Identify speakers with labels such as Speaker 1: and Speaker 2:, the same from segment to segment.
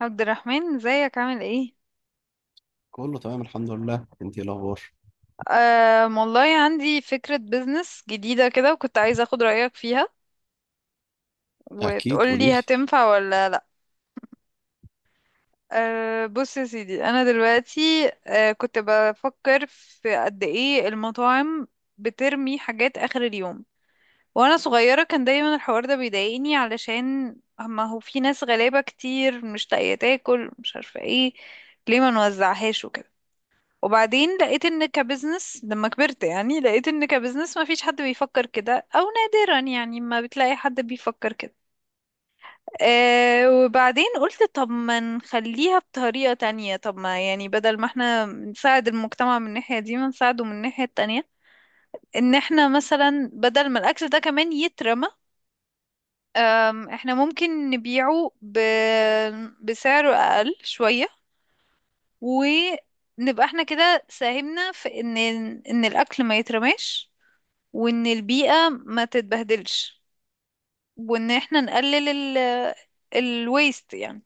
Speaker 1: عبد الرحمن، ازيك؟ عامل ايه؟
Speaker 2: كله تمام الحمد لله. انت ايه الاخبار؟
Speaker 1: آه والله عندي فكرة بيزنس جديدة كده، وكنت عايزة اخد رأيك فيها
Speaker 2: اكيد، قولي
Speaker 1: وتقولي
Speaker 2: لي.
Speaker 1: هتنفع ولا لا. آه بص يا سيدي، انا دلوقتي كنت بفكر في قد ايه المطاعم بترمي حاجات اخر اليوم. وانا صغيرة كان دايما الحوار ده بيضايقني، علشان ما هو في ناس غلابة كتير مش لاقية تاكل، مش عارفة ايه، ليه ما نوزعهاش وكده. وبعدين لقيت ان كبزنس، لما كبرت يعني، لقيت ان كبزنس ما فيش حد بيفكر كده، او نادرا يعني، ما بتلاقي حد بيفكر كده. آه وبعدين قلت طب ما نخليها بطريقة تانية، طب ما يعني بدل ما احنا نساعد المجتمع من الناحية دي، ما نساعده من الناحية التانية. ان احنا مثلا بدل ما الاكل ده كمان يترمى، احنا ممكن نبيعه بسعر اقل شوية، ونبقى احنا كده ساهمنا في ان ان الاكل ما يترماش، وان البيئة ما تتبهدلش، وان احنا نقلل الويست يعني.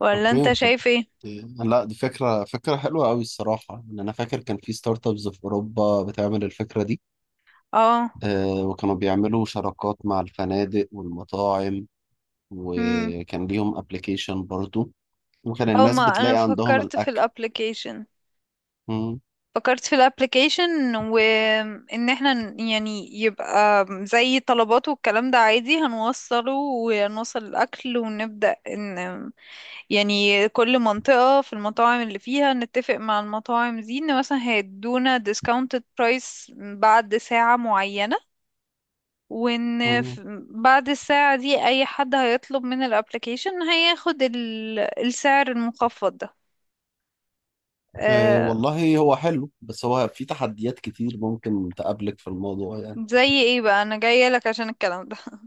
Speaker 1: ولا
Speaker 2: اوكي،
Speaker 1: انت
Speaker 2: طب
Speaker 1: شايف ايه؟
Speaker 2: لا دي فكره حلوه قوي الصراحه. ان انا فاكر كان في ستارت ابس في اوروبا بتعمل الفكره دي.
Speaker 1: اه.
Speaker 2: آه، وكانوا بيعملوا شراكات مع الفنادق والمطاعم،
Speaker 1: امم.
Speaker 2: وكان ليهم ابلكيشن برضو، وكان
Speaker 1: او
Speaker 2: الناس
Speaker 1: ما انا
Speaker 2: بتلاقي عندهم
Speaker 1: فكرت في
Speaker 2: الاكل.
Speaker 1: الابلكيشن.
Speaker 2: مم،
Speaker 1: فكرت في الابلكيشن وان احنا يعني يبقى زي طلبات والكلام ده عادي، هنوصله ونوصل الاكل ونبدأ ان يعني كل منطقة في المطاعم اللي فيها نتفق مع المطاعم دي ان مثلا هيدونا discounted price بعد ساعة معينة. وان
Speaker 2: مم.
Speaker 1: بعد الساعة دي اي حد هيطلب من الابليكيشن هياخد السعر المخفض ده.
Speaker 2: آه
Speaker 1: آه.
Speaker 2: والله هو حلو، بس هو في تحديات كتير ممكن تقابلك في الموضوع يعني.
Speaker 1: زي ايه بقى؟ انا جاية لك عشان الكلام ده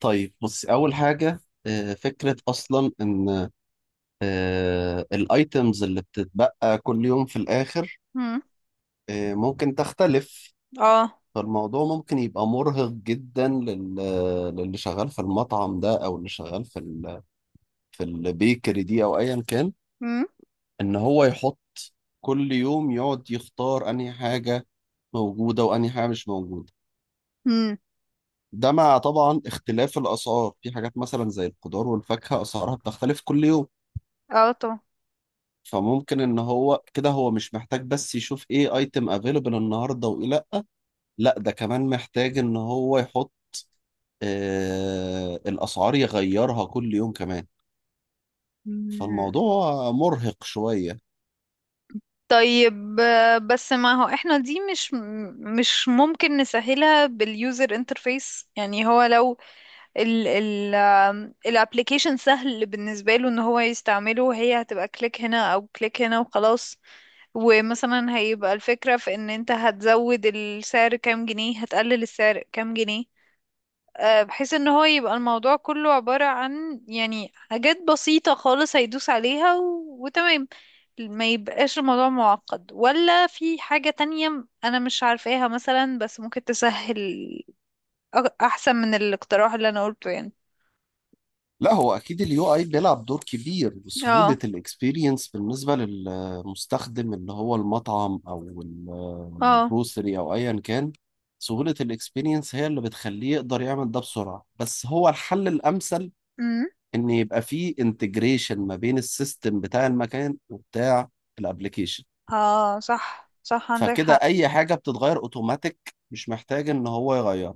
Speaker 2: طيب بص، اول حاجه، فكرة أصلا إن الايتمز اللي بتتبقى كل يوم في الاخر،
Speaker 1: مم.
Speaker 2: ممكن تختلف.
Speaker 1: اه.
Speaker 2: فالموضوع ممكن يبقى مرهق جدا للي شغال في المطعم ده، او اللي شغال في البيكري دي او ايا كان،
Speaker 1: مم.
Speaker 2: ان هو يحط كل يوم، يقعد يختار انهي حاجة موجودة وانهي حاجة مش موجودة.
Speaker 1: مم.
Speaker 2: ده مع طبعا اختلاف الاسعار في حاجات مثلا زي الخضار والفاكهة، اسعارها بتختلف كل يوم.
Speaker 1: اه طبعا.
Speaker 2: فممكن ان هو كده هو مش محتاج بس يشوف ايه ايتم افيلبل النهارده وايه لا، لا ده كمان محتاج ان هو يحط آه الاسعار، يغيرها كل يوم كمان.
Speaker 1: مم.
Speaker 2: فالموضوع مرهق شوية.
Speaker 1: طيب، بس ما هو احنا دي مش ممكن نسهلها باليوزر انترفيس؟ يعني هو لو ال ال الابليكيشن سهل بالنسبة له ان هو يستعمله، هي هتبقى كليك هنا او كليك هنا وخلاص. ومثلا هيبقى الفكرة في ان انت هتزود السعر كام جنيه، هتقلل السعر كام جنيه. بحيث ان هو يبقى الموضوع كله عبارة عن يعني حاجات بسيطة خالص هيدوس عليها وتمام. ما يبقاش الموضوع معقد، ولا في حاجة تانية انا مش عارفاها مثلا بس ممكن تسهل. احسن من الاقتراح اللي انا قلته يعني.
Speaker 2: لا هو اكيد اليو اي بيلعب دور كبير،
Speaker 1: اه.
Speaker 2: وسهولة الاكسبيرينس بالنسبة للمستخدم اللي هو المطعم او
Speaker 1: اه.
Speaker 2: الجروسري او ايا كان، سهولة الاكسبيرينس هي اللي بتخليه يقدر يعمل ده بسرعة. بس هو الحل الامثل
Speaker 1: امم.
Speaker 2: ان يبقى فيه انتجريشن ما بين السيستم بتاع المكان وبتاع الابليكيشن،
Speaker 1: اه صح صح، عندك
Speaker 2: فكده
Speaker 1: حق.
Speaker 2: اي حاجه بتتغير اوتوماتيك، مش محتاج ان هو يغير.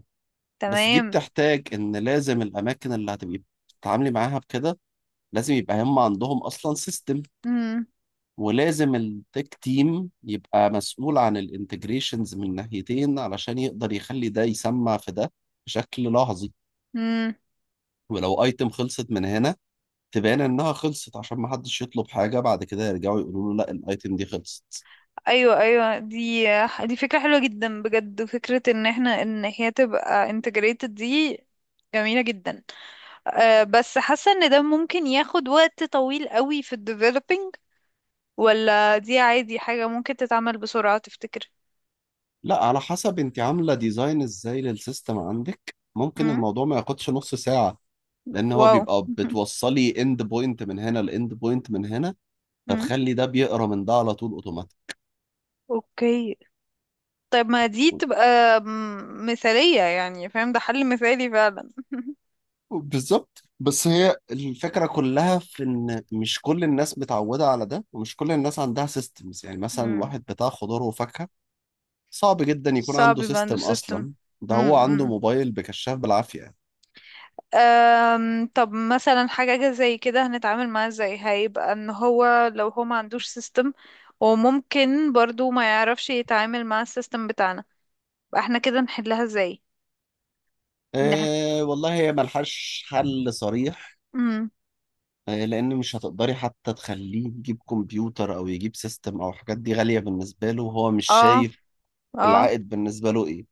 Speaker 2: بس دي
Speaker 1: تمام.
Speaker 2: بتحتاج ان لازم الاماكن اللي هتبقي بتتعاملي معاها بكده، لازم يبقى هم عندهم اصلا سيستم،
Speaker 1: امم.
Speaker 2: ولازم التك تيم يبقى مسؤول عن الانتجريشنز من ناحيتين علشان يقدر يخلي ده يسمع في ده بشكل لحظي.
Speaker 1: امم.
Speaker 2: ولو ايتم خلصت من هنا تبان انها خلصت، عشان ما حدش يطلب حاجه بعد كده يرجعوا يقولوا له لا الايتم دي خلصت.
Speaker 1: ايوه ايوه، دي فكرة حلوة جدا بجد، وفكرة ان احنا ان هي تبقى integrated دي جميلة جدا. أه بس حاسة ان ده ممكن ياخد وقت طويل قوي في ال developing. ولا دي عادي حاجة ممكن تتعمل بسرعة تفتكر؟
Speaker 2: لا على حسب انت عامله ديزاين ازاي للسيستم عندك، ممكن
Speaker 1: امم.
Speaker 2: الموضوع ما ياخدش نص ساعه، لان هو
Speaker 1: واو
Speaker 2: بيبقى بتوصلي اند بوينت من هنا لاند بوينت من هنا،
Speaker 1: امم.
Speaker 2: فتخلي ده بيقرا من ده على طول اوتوماتيك.
Speaker 1: اوكي. طيب ما دي تبقى مثالية يعني، فاهم؟ ده حل مثالي فعلا
Speaker 2: بالظبط، بس هي الفكرة كلها في إن مش كل الناس متعودة على ده، ومش كل الناس عندها سيستمز. يعني مثلا
Speaker 1: مم.
Speaker 2: واحد بتاع خضار وفاكهة صعب جدا يكون
Speaker 1: صعب
Speaker 2: عنده
Speaker 1: يبقى عنده
Speaker 2: سيستم
Speaker 1: سيستم.
Speaker 2: أصلا، ده هو عنده
Speaker 1: امم.
Speaker 2: موبايل بكشاف بالعافية يعني.
Speaker 1: طب مثلا حاجة زي كده هنتعامل معاه ازاي؟ هيبقى ان هو لو هو ما عندوش سيستم، وممكن برضو ما يعرفش يتعامل مع السيستم بتاعنا، يبقى احنا كده نحلها ازاي؟ نحن...
Speaker 2: إيه والله، هي ملهاش حل صريح.
Speaker 1: امم.
Speaker 2: لان مش هتقدري حتى تخليه يجيب كمبيوتر او يجيب سيستم، او حاجات دي غالية بالنسبة له وهو مش
Speaker 1: اه.
Speaker 2: شايف
Speaker 1: اه.
Speaker 2: العائد بالنسبة له ايه.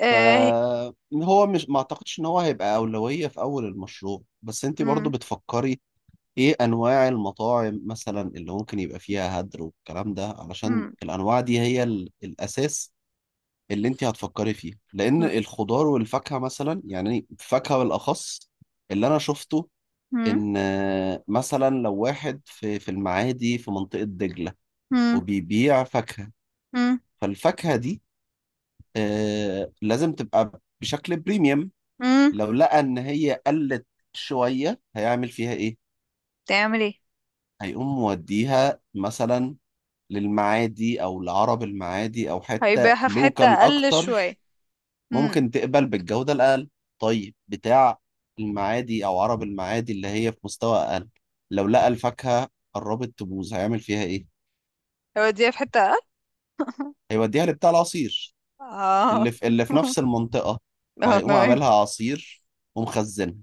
Speaker 1: اه.
Speaker 2: فهو مش ما اعتقدش ان هو هيبقى أولوية في اول المشروع. بس انت برضو
Speaker 1: امم.
Speaker 2: بتفكري ايه انواع المطاعم مثلا اللي ممكن يبقى فيها هدر والكلام ده، علشان
Speaker 1: امم.
Speaker 2: الانواع دي هي الاساس اللي انت هتفكري فيه. لان الخضار والفاكهة مثلا، يعني الفاكهة بالاخص، اللي انا شفته
Speaker 1: امم.
Speaker 2: ان مثلا لو واحد في المعادي في منطقة دجلة
Speaker 1: امم.
Speaker 2: وبيبيع فاكهة،
Speaker 1: امم.
Speaker 2: فالفاكهة دي لازم تبقى بشكل بريميوم.
Speaker 1: امم.
Speaker 2: لو لقى ان هي قلت شوية، هيعمل فيها ايه؟
Speaker 1: تعمل ايه؟
Speaker 2: هيقوم موديها مثلا للمعادي او لعرب المعادي، او حتة
Speaker 1: هيبيعها في حتة
Speaker 2: لوكال
Speaker 1: اقل
Speaker 2: اكتر،
Speaker 1: شوية. امم.
Speaker 2: ممكن تقبل بالجودة الاقل. طيب بتاع المعادي او عرب المعادي اللي هي في مستوى اقل، لو لقى الفاكهة قربت تبوظ، هيعمل فيها ايه؟
Speaker 1: هيوديها في حتة اقل
Speaker 2: هيوديها لبتاع العصير
Speaker 1: اه
Speaker 2: اللي في اللي في نفس المنطقة،
Speaker 1: اه
Speaker 2: فهيقوم
Speaker 1: تمام.
Speaker 2: عاملها عصير ومخزنها.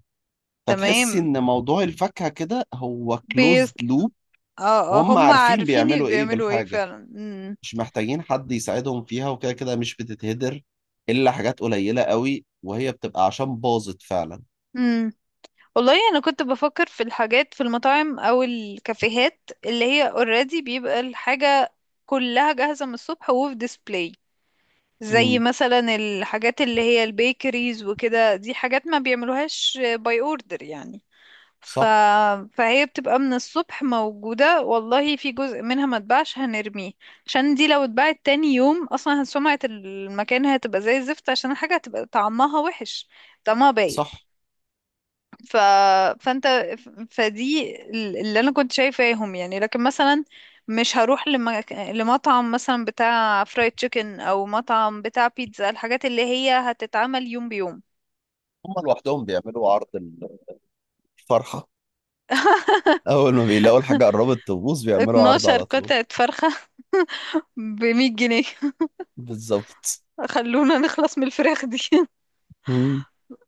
Speaker 2: فتحسي
Speaker 1: تمام.
Speaker 2: ان موضوع الفاكهة كده هو كلوزد
Speaker 1: بيس.
Speaker 2: لوب،
Speaker 1: اه، آه،
Speaker 2: وهم
Speaker 1: هم
Speaker 2: عارفين
Speaker 1: عارفين اللي
Speaker 2: بيعملوا ايه
Speaker 1: بيعملوا ايه
Speaker 2: بالحاجة،
Speaker 1: فعلا. امم.
Speaker 2: مش محتاجين حد يساعدهم فيها، وكده كده مش بتتهدر الا حاجات قليلة قوي، وهي بتبقى عشان باظت فعلا.
Speaker 1: امم. والله انا كنت بفكر في الحاجات في المطاعم او الكافيهات اللي هي اوريدي بيبقى الحاجة كلها جاهزة من الصبح وفي ديسبلاي. زي
Speaker 2: امم،
Speaker 1: مثلا الحاجات اللي هي البيكريز وكده، دي حاجات ما بيعملوهاش باي اوردر يعني. ف...
Speaker 2: صح
Speaker 1: فهي بتبقى من الصبح موجودة، والله في جزء منها ما اتباعش هنرميه. عشان دي لو اتباعت تاني يوم اصلا سمعة المكان هتبقى زي الزفت، عشان الحاجة هتبقى طعمها وحش، طعمها بايت.
Speaker 2: صح.
Speaker 1: ف... فانت فدي اللي انا كنت شايفاهم يعني، لكن مثلا مش هروح لمطعم مثلا بتاع فرايد تشيكن او مطعم بتاع بيتزا، الحاجات اللي هي هتتعمل يوم بيوم.
Speaker 2: هم لوحدهم بيعملوا عرض الفرحة، اول ما بيلاقوا الحاجة قربت تبوظ بيعملوا عرض
Speaker 1: 12
Speaker 2: على طول.
Speaker 1: قطعة فرخة ب100 جنيه.
Speaker 2: بالظبط.
Speaker 1: خلونا نخلص من الفراخ دي
Speaker 2: مم.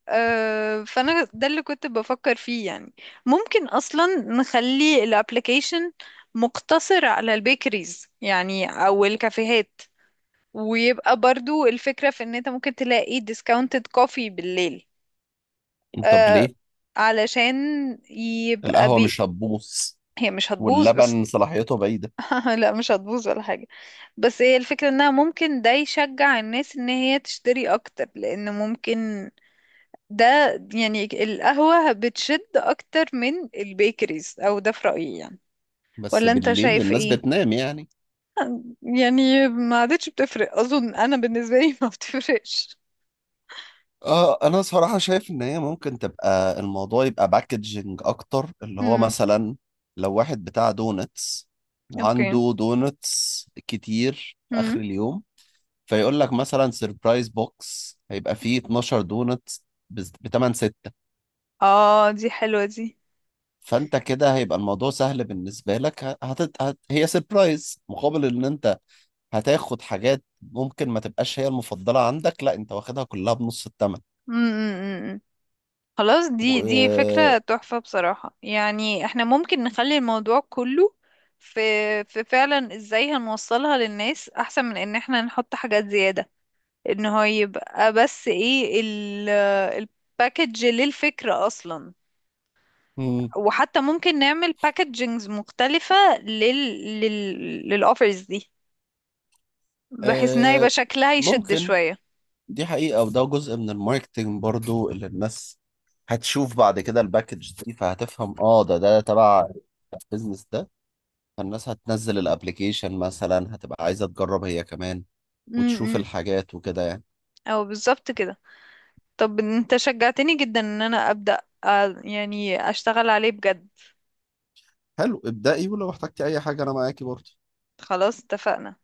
Speaker 1: فانا ده اللي كنت بفكر فيه يعني. ممكن اصلا نخلي الابليكيشن مقتصر على البيكريز يعني او الكافيهات. ويبقى برضو الفكرة في ان انت ممكن تلاقي ديسكاونتد كوفي بالليل.
Speaker 2: طب
Speaker 1: آه،
Speaker 2: ليه؟
Speaker 1: علشان يبقى
Speaker 2: القهوة مش هتبوظ
Speaker 1: هي مش هتبوظ بس.
Speaker 2: واللبن صلاحيته بعيدة.
Speaker 1: لا مش هتبوظ ولا حاجة. بس هي الفكرة انها ممكن ده يشجع الناس ان هي تشتري اكتر، لان ممكن ده يعني القهوة بتشد أكتر من البيكريز، أو ده في رأيي يعني.
Speaker 2: بس
Speaker 1: ولا أنت
Speaker 2: بالليل
Speaker 1: شايف
Speaker 2: الناس
Speaker 1: إيه؟
Speaker 2: بتنام يعني.
Speaker 1: يعني ما عادتش بتفرق أظن، أنا بالنسبة لي ما بتفرقش.
Speaker 2: اه انا صراحة شايف ان هي ممكن تبقى الموضوع يبقى باكجنج اكتر، اللي هو
Speaker 1: امم.
Speaker 2: مثلا لو واحد بتاع دونتس
Speaker 1: أوكي.
Speaker 2: وعنده دونتس كتير في اخر
Speaker 1: امم.
Speaker 2: اليوم، فيقول لك مثلا سيربرايز بوكس هيبقى فيه 12 دونتس ب 8 6.
Speaker 1: آه دي حلوة دي.
Speaker 2: فانت كده هيبقى الموضوع سهل بالنسبة لك، هي سيربرايز مقابل ان انت هتاخد حاجات ممكن ما تبقاش هي المفضلة عندك، لا انت واخدها كلها بنص الثمن.
Speaker 1: امم. خلاص، دي
Speaker 2: و
Speaker 1: فكرة تحفة بصراحة، يعني احنا ممكن نخلي الموضوع كله في في فعلا ازاي هنوصلها للناس أحسن من إن احنا نحط حاجات زيادة. ان هو يبقى بس ايه الباكج للفكرة اصلا؟
Speaker 2: مم.
Speaker 1: وحتى ممكن نعمل باكجينجز مختلفة للأوفرز دي، بحيث انها يبقى
Speaker 2: آه،
Speaker 1: شكلها يشد
Speaker 2: ممكن،
Speaker 1: شوية.
Speaker 2: دي حقيقة، وده جزء من الماركتينج برضو، اللي الناس هتشوف بعد كده الباكج دي فهتفهم اه ده تبع البيزنس ده. فالناس هتنزل الابليكيشن مثلا هتبقى عايزة تجرب هي كمان وتشوف
Speaker 1: امم.
Speaker 2: الحاجات وكده يعني.
Speaker 1: او بالظبط كده. طب انت شجعتني جدا ان انا ابدأ، يعني اشتغل عليه بجد.
Speaker 2: حلو، ابدأي، ولو احتجتي اي حاجة انا معاكي برضو.
Speaker 1: خلاص، اتفقنا.